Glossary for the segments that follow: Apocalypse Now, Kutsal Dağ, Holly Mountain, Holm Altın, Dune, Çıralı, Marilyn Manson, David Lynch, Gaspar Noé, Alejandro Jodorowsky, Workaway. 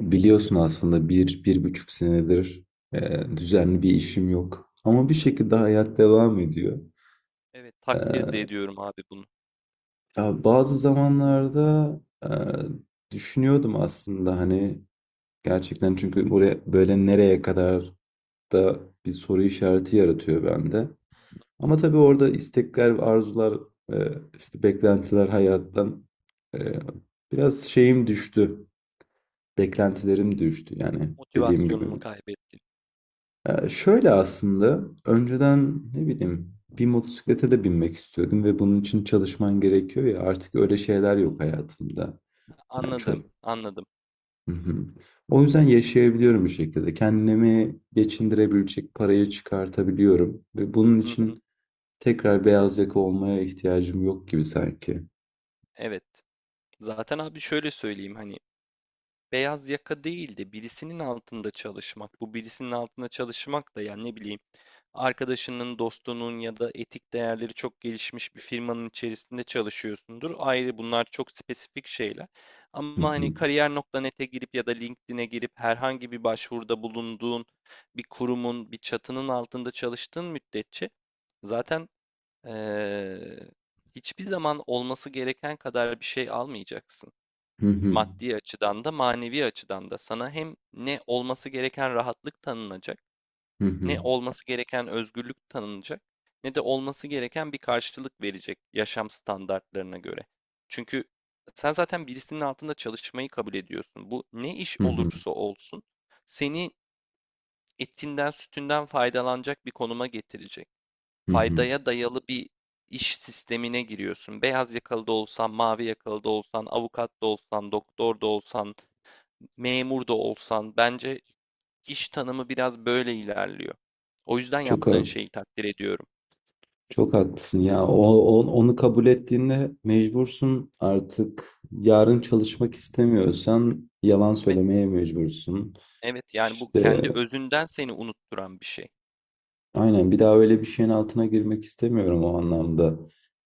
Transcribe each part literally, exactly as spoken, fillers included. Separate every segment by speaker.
Speaker 1: Biliyorsun aslında bir, bir buçuk senedir e, düzenli bir işim yok. Ama bir şekilde hayat devam ediyor.
Speaker 2: Evet, takdir de
Speaker 1: E,
Speaker 2: ediyorum abi bunu.
Speaker 1: ya bazı zamanlarda e, düşünüyordum aslında hani gerçekten çünkü buraya böyle nereye kadar da bir soru işareti yaratıyor bende.
Speaker 2: Hı hı.
Speaker 1: Ama tabii orada istekler, arzular, e, işte beklentiler hayattan e, biraz şeyim düştü. Beklentilerim düştü yani dediğim gibi.
Speaker 2: Motivasyonumu kaybettim.
Speaker 1: Ee, şöyle aslında önceden ne bileyim bir motosiklete de binmek istiyordum ve bunun için
Speaker 2: Hı hı.
Speaker 1: çalışman gerekiyor ya artık öyle şeyler yok hayatımda. Yani çok...
Speaker 2: Anladım, anladım.
Speaker 1: Hı hı. O yüzden yaşayabiliyorum bir şekilde. Kendimi geçindirebilecek parayı çıkartabiliyorum ve bunun
Speaker 2: Hı hı.
Speaker 1: için tekrar beyaz yaka olmaya ihtiyacım yok gibi sanki.
Speaker 2: Evet. Zaten abi şöyle söyleyeyim, hani beyaz yaka değil de birisinin altında çalışmak. Bu birisinin altında çalışmak da yani ne bileyim, arkadaşının, dostunun ya da etik değerleri çok gelişmiş bir firmanın içerisinde çalışıyorsundur. Ayrı bunlar, çok spesifik şeyler.
Speaker 1: Hı
Speaker 2: Ama hani
Speaker 1: hı.
Speaker 2: kariyer nokta nete girip ya da LinkedIn'e girip herhangi bir başvuruda bulunduğun bir kurumun, bir çatının altında çalıştığın müddetçe zaten eee, hiçbir zaman olması gereken kadar bir şey almayacaksın.
Speaker 1: Hı hı.
Speaker 2: Maddi açıdan da manevi açıdan da sana hem ne olması gereken rahatlık tanınacak,
Speaker 1: Hı hı.
Speaker 2: ne olması gereken özgürlük tanınacak, ne de olması gereken bir karşılık verecek yaşam standartlarına göre. Çünkü sen zaten birisinin altında çalışmayı kabul ediyorsun. Bu ne iş
Speaker 1: Hı hı.
Speaker 2: olursa olsun seni etinden sütünden faydalanacak bir konuma getirecek.
Speaker 1: Hı hı.
Speaker 2: Faydaya dayalı bir iş sistemine giriyorsun. Beyaz yakalı da olsan, mavi yakalı da olsan, avukat da olsan, doktor da olsan, memur da olsan, bence İş tanımı biraz böyle ilerliyor. O yüzden
Speaker 1: Çok
Speaker 2: yaptığın şeyi
Speaker 1: haklısın.
Speaker 2: takdir ediyorum.
Speaker 1: Çok haklısın ya. O, o- onu kabul ettiğinde mecbursun artık. Yarın çalışmak istemiyorsan yalan
Speaker 2: Evet,
Speaker 1: söylemeye mecbursun.
Speaker 2: evet, yani bu
Speaker 1: İşte
Speaker 2: kendi özünden seni unutturan bir şey.
Speaker 1: aynen bir daha öyle bir şeyin altına girmek istemiyorum o anlamda.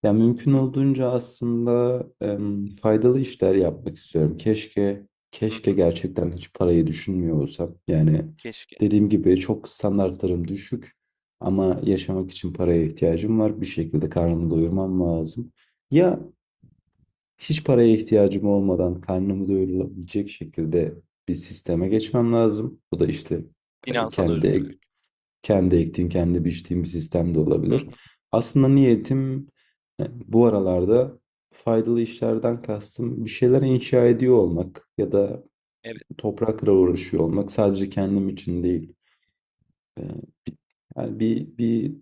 Speaker 1: Ya mümkün
Speaker 2: Hı hı,
Speaker 1: olduğunca aslında em, faydalı işler yapmak istiyorum. Keşke
Speaker 2: hı
Speaker 1: keşke
Speaker 2: hı,
Speaker 1: gerçekten hiç parayı düşünmüyor olsam. Yani
Speaker 2: keşke.
Speaker 1: dediğim gibi çok standartlarım düşük ama yaşamak için paraya ihtiyacım var. Bir şekilde karnımı doyurmam lazım. Ya hiç paraya ihtiyacım olmadan karnımı doyurulabilecek şekilde bir sisteme geçmem lazım. Bu da işte e,
Speaker 2: Finansal özgürlük.
Speaker 1: kendi kendi ektiğim, kendi biçtiğim bir sistem de
Speaker 2: Hı hı,
Speaker 1: olabilir. Aslında niyetim e, bu aralarda faydalı işlerden kastım bir şeyler inşa ediyor olmak ya da
Speaker 2: evet.
Speaker 1: toprakla uğraşıyor olmak sadece kendim için değil. E, bi- Yani bir, bir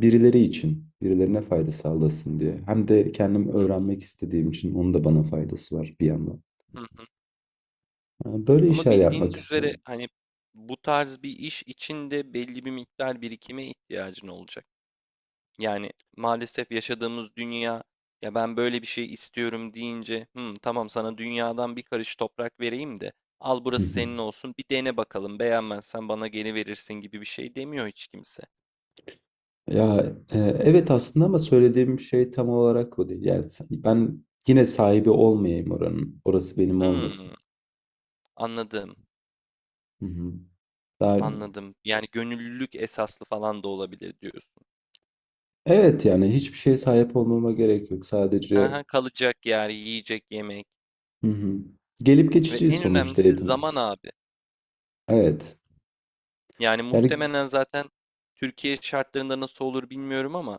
Speaker 1: birileri için, birilerine fayda sağlasın diye. Hem de kendim
Speaker 2: Hı hı,
Speaker 1: öğrenmek istediğim için onun da bana faydası var bir yandan.
Speaker 2: hı hı.
Speaker 1: E, Böyle
Speaker 2: Ama
Speaker 1: işler yapmak
Speaker 2: bildiğiniz üzere
Speaker 1: istiyorum.
Speaker 2: hani bu tarz bir iş içinde belli bir miktar birikime ihtiyacın olacak. Yani maalesef yaşadığımız dünya, ya ben böyle bir şey istiyorum deyince, "Hmm, tamam, sana dünyadan bir karış toprak vereyim de al, burası senin olsun, bir dene bakalım, beğenmezsen bana geri verirsin" gibi bir şey demiyor hiç kimse.
Speaker 1: Ya e, evet aslında ama söylediğim şey tam olarak o değil. Yani sen- ben yine sahibi olmayayım oranın. Orası benim
Speaker 2: Hmm,
Speaker 1: olmasın.
Speaker 2: anladım,
Speaker 1: Hı hı. Daha,
Speaker 2: anladım, yani gönüllülük esaslı falan da olabilir diyorsun.
Speaker 1: evet yani hiçbir şeye sahip olmama gerek yok.
Speaker 2: Hı
Speaker 1: Sadece
Speaker 2: hı, kalacak yer, yiyecek yemek
Speaker 1: hı hı. Gelip
Speaker 2: ve
Speaker 1: geçiciyiz
Speaker 2: en
Speaker 1: sonuçta
Speaker 2: önemlisi zaman
Speaker 1: hepimiz.
Speaker 2: abi.
Speaker 1: Evet.
Speaker 2: Yani
Speaker 1: Yani
Speaker 2: muhtemelen zaten Türkiye şartlarında nasıl olur bilmiyorum, ama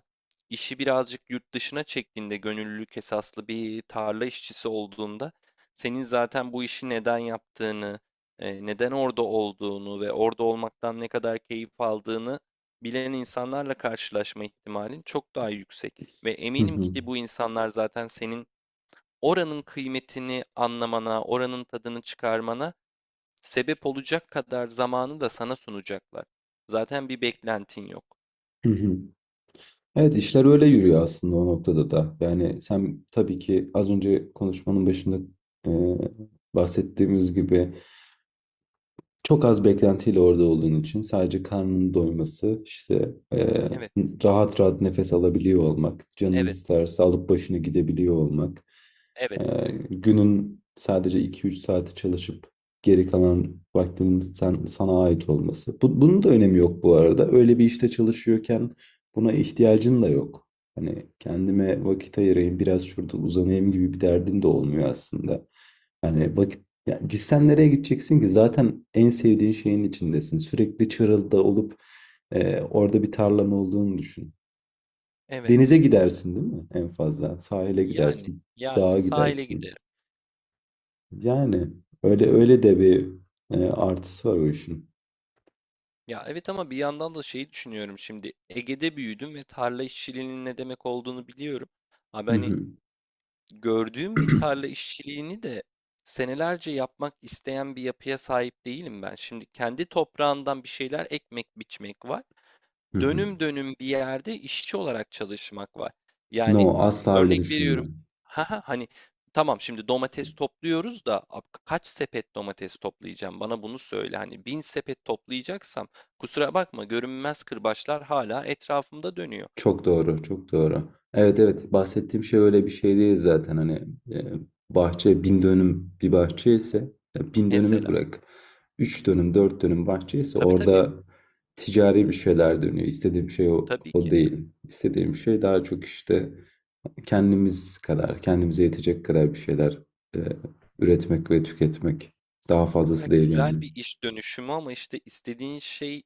Speaker 2: işi birazcık yurt dışına çektiğinde, gönüllülük esaslı bir tarla işçisi olduğunda, senin zaten bu işi neden yaptığını, e, neden orada olduğunu ve orada olmaktan ne kadar keyif aldığını bilen insanlarla karşılaşma ihtimalin çok daha yüksek. Ve
Speaker 1: hı
Speaker 2: eminim
Speaker 1: hı.
Speaker 2: ki bu insanlar zaten senin oranın kıymetini anlamana, oranın tadını çıkarmana sebep olacak kadar zamanı da sana sunacaklar. Zaten bir beklentin yok.
Speaker 1: Hı hı. Evet işler öyle yürüyor aslında o noktada da. Yani sen tabii ki az önce konuşmanın başında e, bahsettiğimiz gibi çok az beklentiyle orada olduğun için sadece karnının doyması, işte, eee,
Speaker 2: Evet,
Speaker 1: rahat rahat nefes alabiliyor olmak, canın
Speaker 2: evet,
Speaker 1: isterse alıp başını gidebiliyor olmak,
Speaker 2: evet,
Speaker 1: eee, günün sadece iki üç saati çalışıp geri kalan vaktinin sen, sana ait olması. Bu, bunun da önemi yok bu arada. Öyle bir işte çalışıyorken buna ihtiyacın da yok. Hani kendime vakit ayırayım, biraz şurada uzanayım gibi bir derdin de olmuyor aslında. Hani vakit ya gitsen nereye gideceksin ki? Zaten en sevdiğin şeyin içindesin. Sürekli Çıralı'da olup e, orada bir tarlan olduğunu düşün.
Speaker 2: evet.
Speaker 1: Denize gidersin değil mi en fazla? Sahile
Speaker 2: Yani,
Speaker 1: gidersin,
Speaker 2: yani
Speaker 1: dağa
Speaker 2: sahile
Speaker 1: gidersin.
Speaker 2: giderim.
Speaker 1: Yani öyle öyle de bir e, artısı var o işin.
Speaker 2: Ya evet, ama bir yandan da şeyi düşünüyorum şimdi. Ege'de büyüdüm ve tarla işçiliğinin ne demek olduğunu biliyorum. Abi
Speaker 1: Hı
Speaker 2: hani
Speaker 1: hı,
Speaker 2: gördüğüm bir tarla işçiliğini de senelerce yapmak isteyen bir yapıya sahip değilim ben. Şimdi kendi toprağından bir şeyler ekmek biçmek var,
Speaker 1: hı
Speaker 2: dönüm
Speaker 1: hı.
Speaker 2: dönüm bir yerde işçi olarak çalışmak var. Yani
Speaker 1: No, asla öyle
Speaker 2: örnek veriyorum.
Speaker 1: düşünme.
Speaker 2: Haha, hani tamam, şimdi domates topluyoruz da ab- kaç sepet domates toplayacağım? Bana bunu söyle. Hani bin sepet toplayacaksam kusura bakma, görünmez kırbaçlar hala etrafımda dönüyor.
Speaker 1: Çok doğru, çok doğru. Evet evet bahsettiğim şey öyle bir şey değil zaten hani e, bahçe bin dönüm bir bahçe ise e, bin dönümü
Speaker 2: Mesela.
Speaker 1: bırak. Üç dönüm dört dönüm bahçe ise
Speaker 2: Tabii tabii.
Speaker 1: orada ticari bir şeyler dönüyor. İstediğim şey o,
Speaker 2: Tabii
Speaker 1: o
Speaker 2: ki.
Speaker 1: değil. İstediğim şey daha çok işte kendimiz kadar kendimize yetecek kadar bir şeyler e, üretmek ve tüketmek. Daha
Speaker 2: Ya
Speaker 1: fazlası değil
Speaker 2: güzel
Speaker 1: yani.
Speaker 2: bir iş dönüşümü, ama işte istediğin şey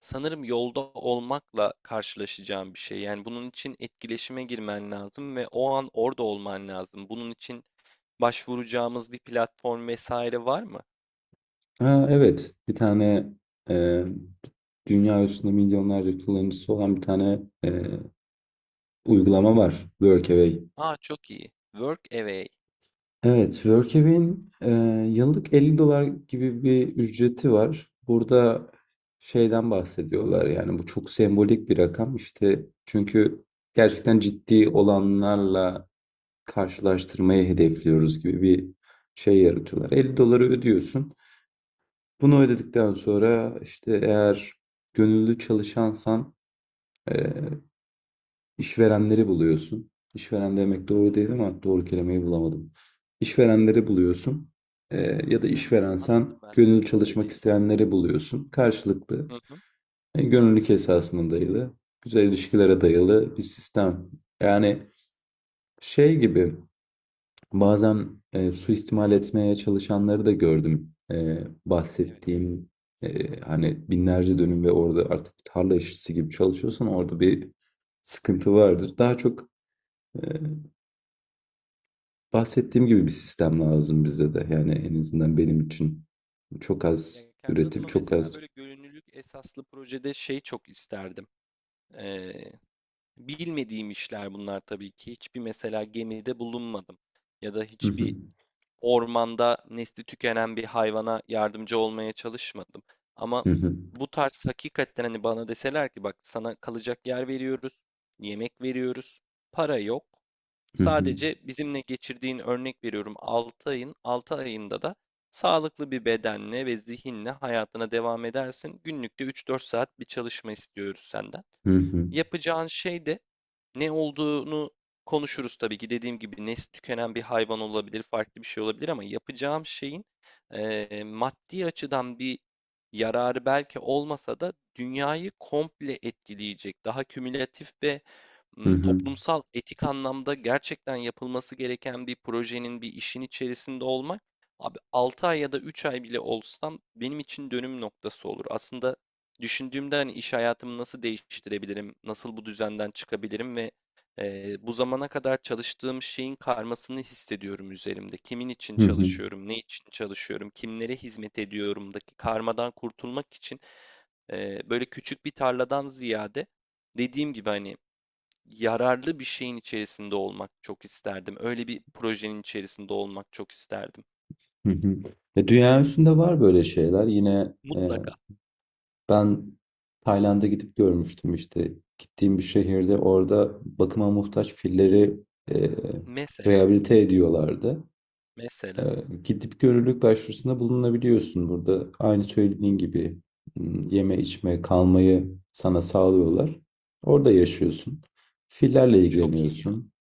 Speaker 2: sanırım yolda olmakla karşılaşacağım bir şey. Yani bunun için etkileşime girmen lazım ve o an orada olman lazım. Bunun için başvuracağımız bir platform vesaire var mı?
Speaker 1: Ha, evet. Bir tane e, dünya üstünde milyonlarca kullanıcısı olan bir tane e, uygulama var. Workaway.
Speaker 2: Aa, çok iyi. Workaway.
Speaker 1: Evet, Workaway'in e, yıllık elli dolar gibi bir ücreti var. Burada şeyden bahsediyorlar yani bu çok sembolik bir rakam işte çünkü gerçekten ciddi olanlarla karşılaştırmayı hedefliyoruz gibi bir şey yaratıyorlar. elli doları ödüyorsun. Bunu ödedikten sonra işte eğer gönüllü çalışansan eee, işverenleri buluyorsun. İşveren demek doğru değil ama doğru kelimeyi bulamadım. İşverenleri buluyorsun. Eee, ya da
Speaker 2: Hı hı, anladım
Speaker 1: işverensen
Speaker 2: ben
Speaker 1: gönüllü
Speaker 2: demek
Speaker 1: çalışmak
Speaker 2: istediğini.
Speaker 1: isteyenleri buluyorsun. Karşılıklı
Speaker 2: Hı hı.
Speaker 1: e, gönüllülük esasına dayalı, güzel ilişkilere dayalı bir sistem. Yani şey gibi bazen e, suistimal etmeye çalışanları da gördüm. E,
Speaker 2: Evet.
Speaker 1: bahsettiğim e, hani binlerce dönüm ve orada artık tarla işçisi gibi çalışıyorsan orada bir sıkıntı vardır. Daha çok e, bahsettiğim gibi bir sistem lazım bize de. Yani en azından benim için çok
Speaker 2: Ya
Speaker 1: az
Speaker 2: kendi
Speaker 1: üretim,
Speaker 2: adıma
Speaker 1: çok az.
Speaker 2: mesela böyle gönüllülük esaslı projede şey çok isterdim. Ee, bilmediğim işler bunlar tabii ki. Hiçbir, mesela gemide bulunmadım ya da
Speaker 1: Hı hı,
Speaker 2: hiçbir ormanda nesli tükenen bir hayvana yardımcı olmaya çalışmadım. Ama
Speaker 1: hı hı,
Speaker 2: bu tarz hakikaten, hani bana deseler ki, bak sana kalacak yer veriyoruz, yemek veriyoruz, para yok.
Speaker 1: hı hı,
Speaker 2: Sadece bizimle geçirdiğin, örnek veriyorum, altı ayın altı ayında da sağlıklı bir bedenle ve zihinle hayatına devam edersin. Günlükte üç dört saat bir çalışma istiyoruz senden.
Speaker 1: hı hı,
Speaker 2: Yapacağın şey de ne olduğunu konuşuruz tabii ki. Dediğim gibi, nesli tükenen bir hayvan olabilir, farklı bir şey olabilir, ama yapacağım şeyin eee, maddi açıdan bir yararı belki olmasa da dünyayı komple etkileyecek, daha kümülatif ve
Speaker 1: hı
Speaker 2: m,
Speaker 1: hı,
Speaker 2: toplumsal etik anlamda gerçekten yapılması gereken bir projenin, bir işin içerisinde olmak, abi altı ay ya da üç ay bile olsam benim için dönüm noktası olur. Aslında düşündüğümde, hani iş hayatımı nasıl değiştirebilirim, nasıl bu düzenden çıkabilirim ve eee, bu zamana kadar çalıştığım şeyin karmasını hissediyorum üzerimde. Kimin için
Speaker 1: hı hı,
Speaker 2: çalışıyorum, ne için çalışıyorum, kimlere hizmet ediyorumdaki karmadan kurtulmak için eee, böyle küçük bir tarladan ziyade, dediğim gibi hani yararlı bir şeyin içerisinde olmak çok isterdim. Öyle bir projenin içerisinde olmak çok isterdim.
Speaker 1: hı hı. E, dünya üstünde var böyle şeyler. Yine e,
Speaker 2: Mutlaka.
Speaker 1: Ben Tayland'a gidip görmüştüm işte. Gittiğim bir şehirde orada bakıma muhtaç filleri e,
Speaker 2: Mesela,
Speaker 1: rehabilite ediyorlardı. E,
Speaker 2: mesela
Speaker 1: Gidip görürlük başvurusunda bulunabiliyorsun burada. Aynı söylediğin gibi m, yeme içme kalmayı sana sağlıyorlar. Orada yaşıyorsun. Fillerle
Speaker 2: çok iyi ya,
Speaker 1: ilgileniyorsun.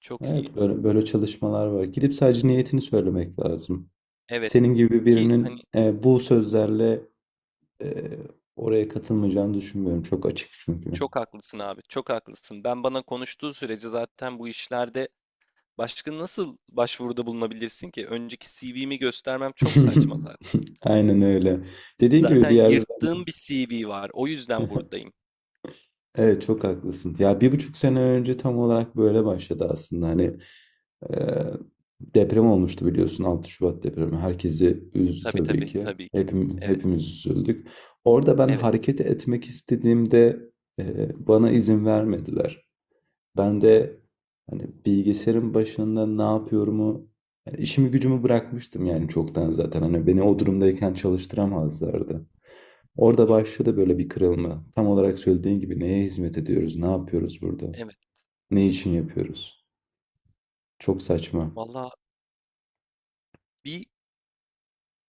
Speaker 2: çok iyi.
Speaker 1: Evet böyle, böyle çalışmalar var. Gidip sadece niyetini söylemek lazım.
Speaker 2: Evet.
Speaker 1: Senin gibi
Speaker 2: Ki hani
Speaker 1: birinin e, bu sözlerle Eee, oraya katılmayacağını düşünmüyorum. Çok açık çünkü.
Speaker 2: çok haklısın abi, çok haklısın. Ben bana konuştuğu sürece zaten bu işlerde başka nasıl başvuruda bulunabilirsin ki? Önceki C V'mi göstermem çok saçma zaten.
Speaker 1: Aynen öyle. Dediğin gibi
Speaker 2: Zaten
Speaker 1: bir yerde
Speaker 2: yırttığım bir C V var. O yüzden buradayım.
Speaker 1: evet çok haklısın. Ya bir buçuk sene önce tam olarak böyle başladı aslında. Hani eee, deprem olmuştu biliyorsun altı Şubat depremi. Herkesi üzdü
Speaker 2: Tabii
Speaker 1: tabii
Speaker 2: tabii,
Speaker 1: ki.
Speaker 2: tabii ki.
Speaker 1: Hepim,
Speaker 2: Evet,
Speaker 1: hepimiz üzüldük. Orada ben
Speaker 2: evet.
Speaker 1: hareket etmek istediğimde eee, bana izin vermediler. Ben de hani bilgisayarın başında ne yapıyorumu, yani işimi gücümü bırakmıştım yani çoktan zaten. Hani beni o durumdayken çalıştıramazlardı.
Speaker 2: Hı
Speaker 1: Orada
Speaker 2: hı,
Speaker 1: başladı böyle bir kırılma. Tam olarak söylediğin gibi neye hizmet ediyoruz, ne yapıyoruz burada,
Speaker 2: evet.
Speaker 1: ne için yapıyoruz? Çok saçma.
Speaker 2: Valla bir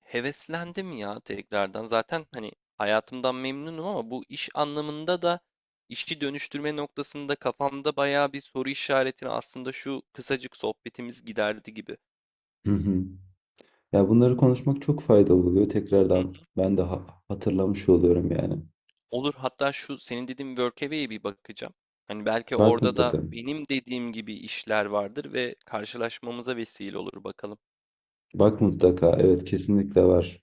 Speaker 2: heveslendim ya tekrardan. Zaten hani hayatımdan memnunum, ama bu iş anlamında da, işi dönüştürme noktasında kafamda bayağı bir soru işaretini aslında şu kısacık sohbetimiz giderdi gibi.
Speaker 1: Hı hı. Ya bunları konuşmak çok faydalı oluyor tekrardan. Ben de ha- hatırlamış oluyorum yani.
Speaker 2: Olur, hatta şu senin dediğin Workaway'e bir bakacağım. Hani belki
Speaker 1: Bak
Speaker 2: orada da
Speaker 1: mutlaka.
Speaker 2: benim dediğim gibi işler vardır ve karşılaşmamıza vesile olur bakalım.
Speaker 1: Bak mutlaka. Evet kesinlikle var.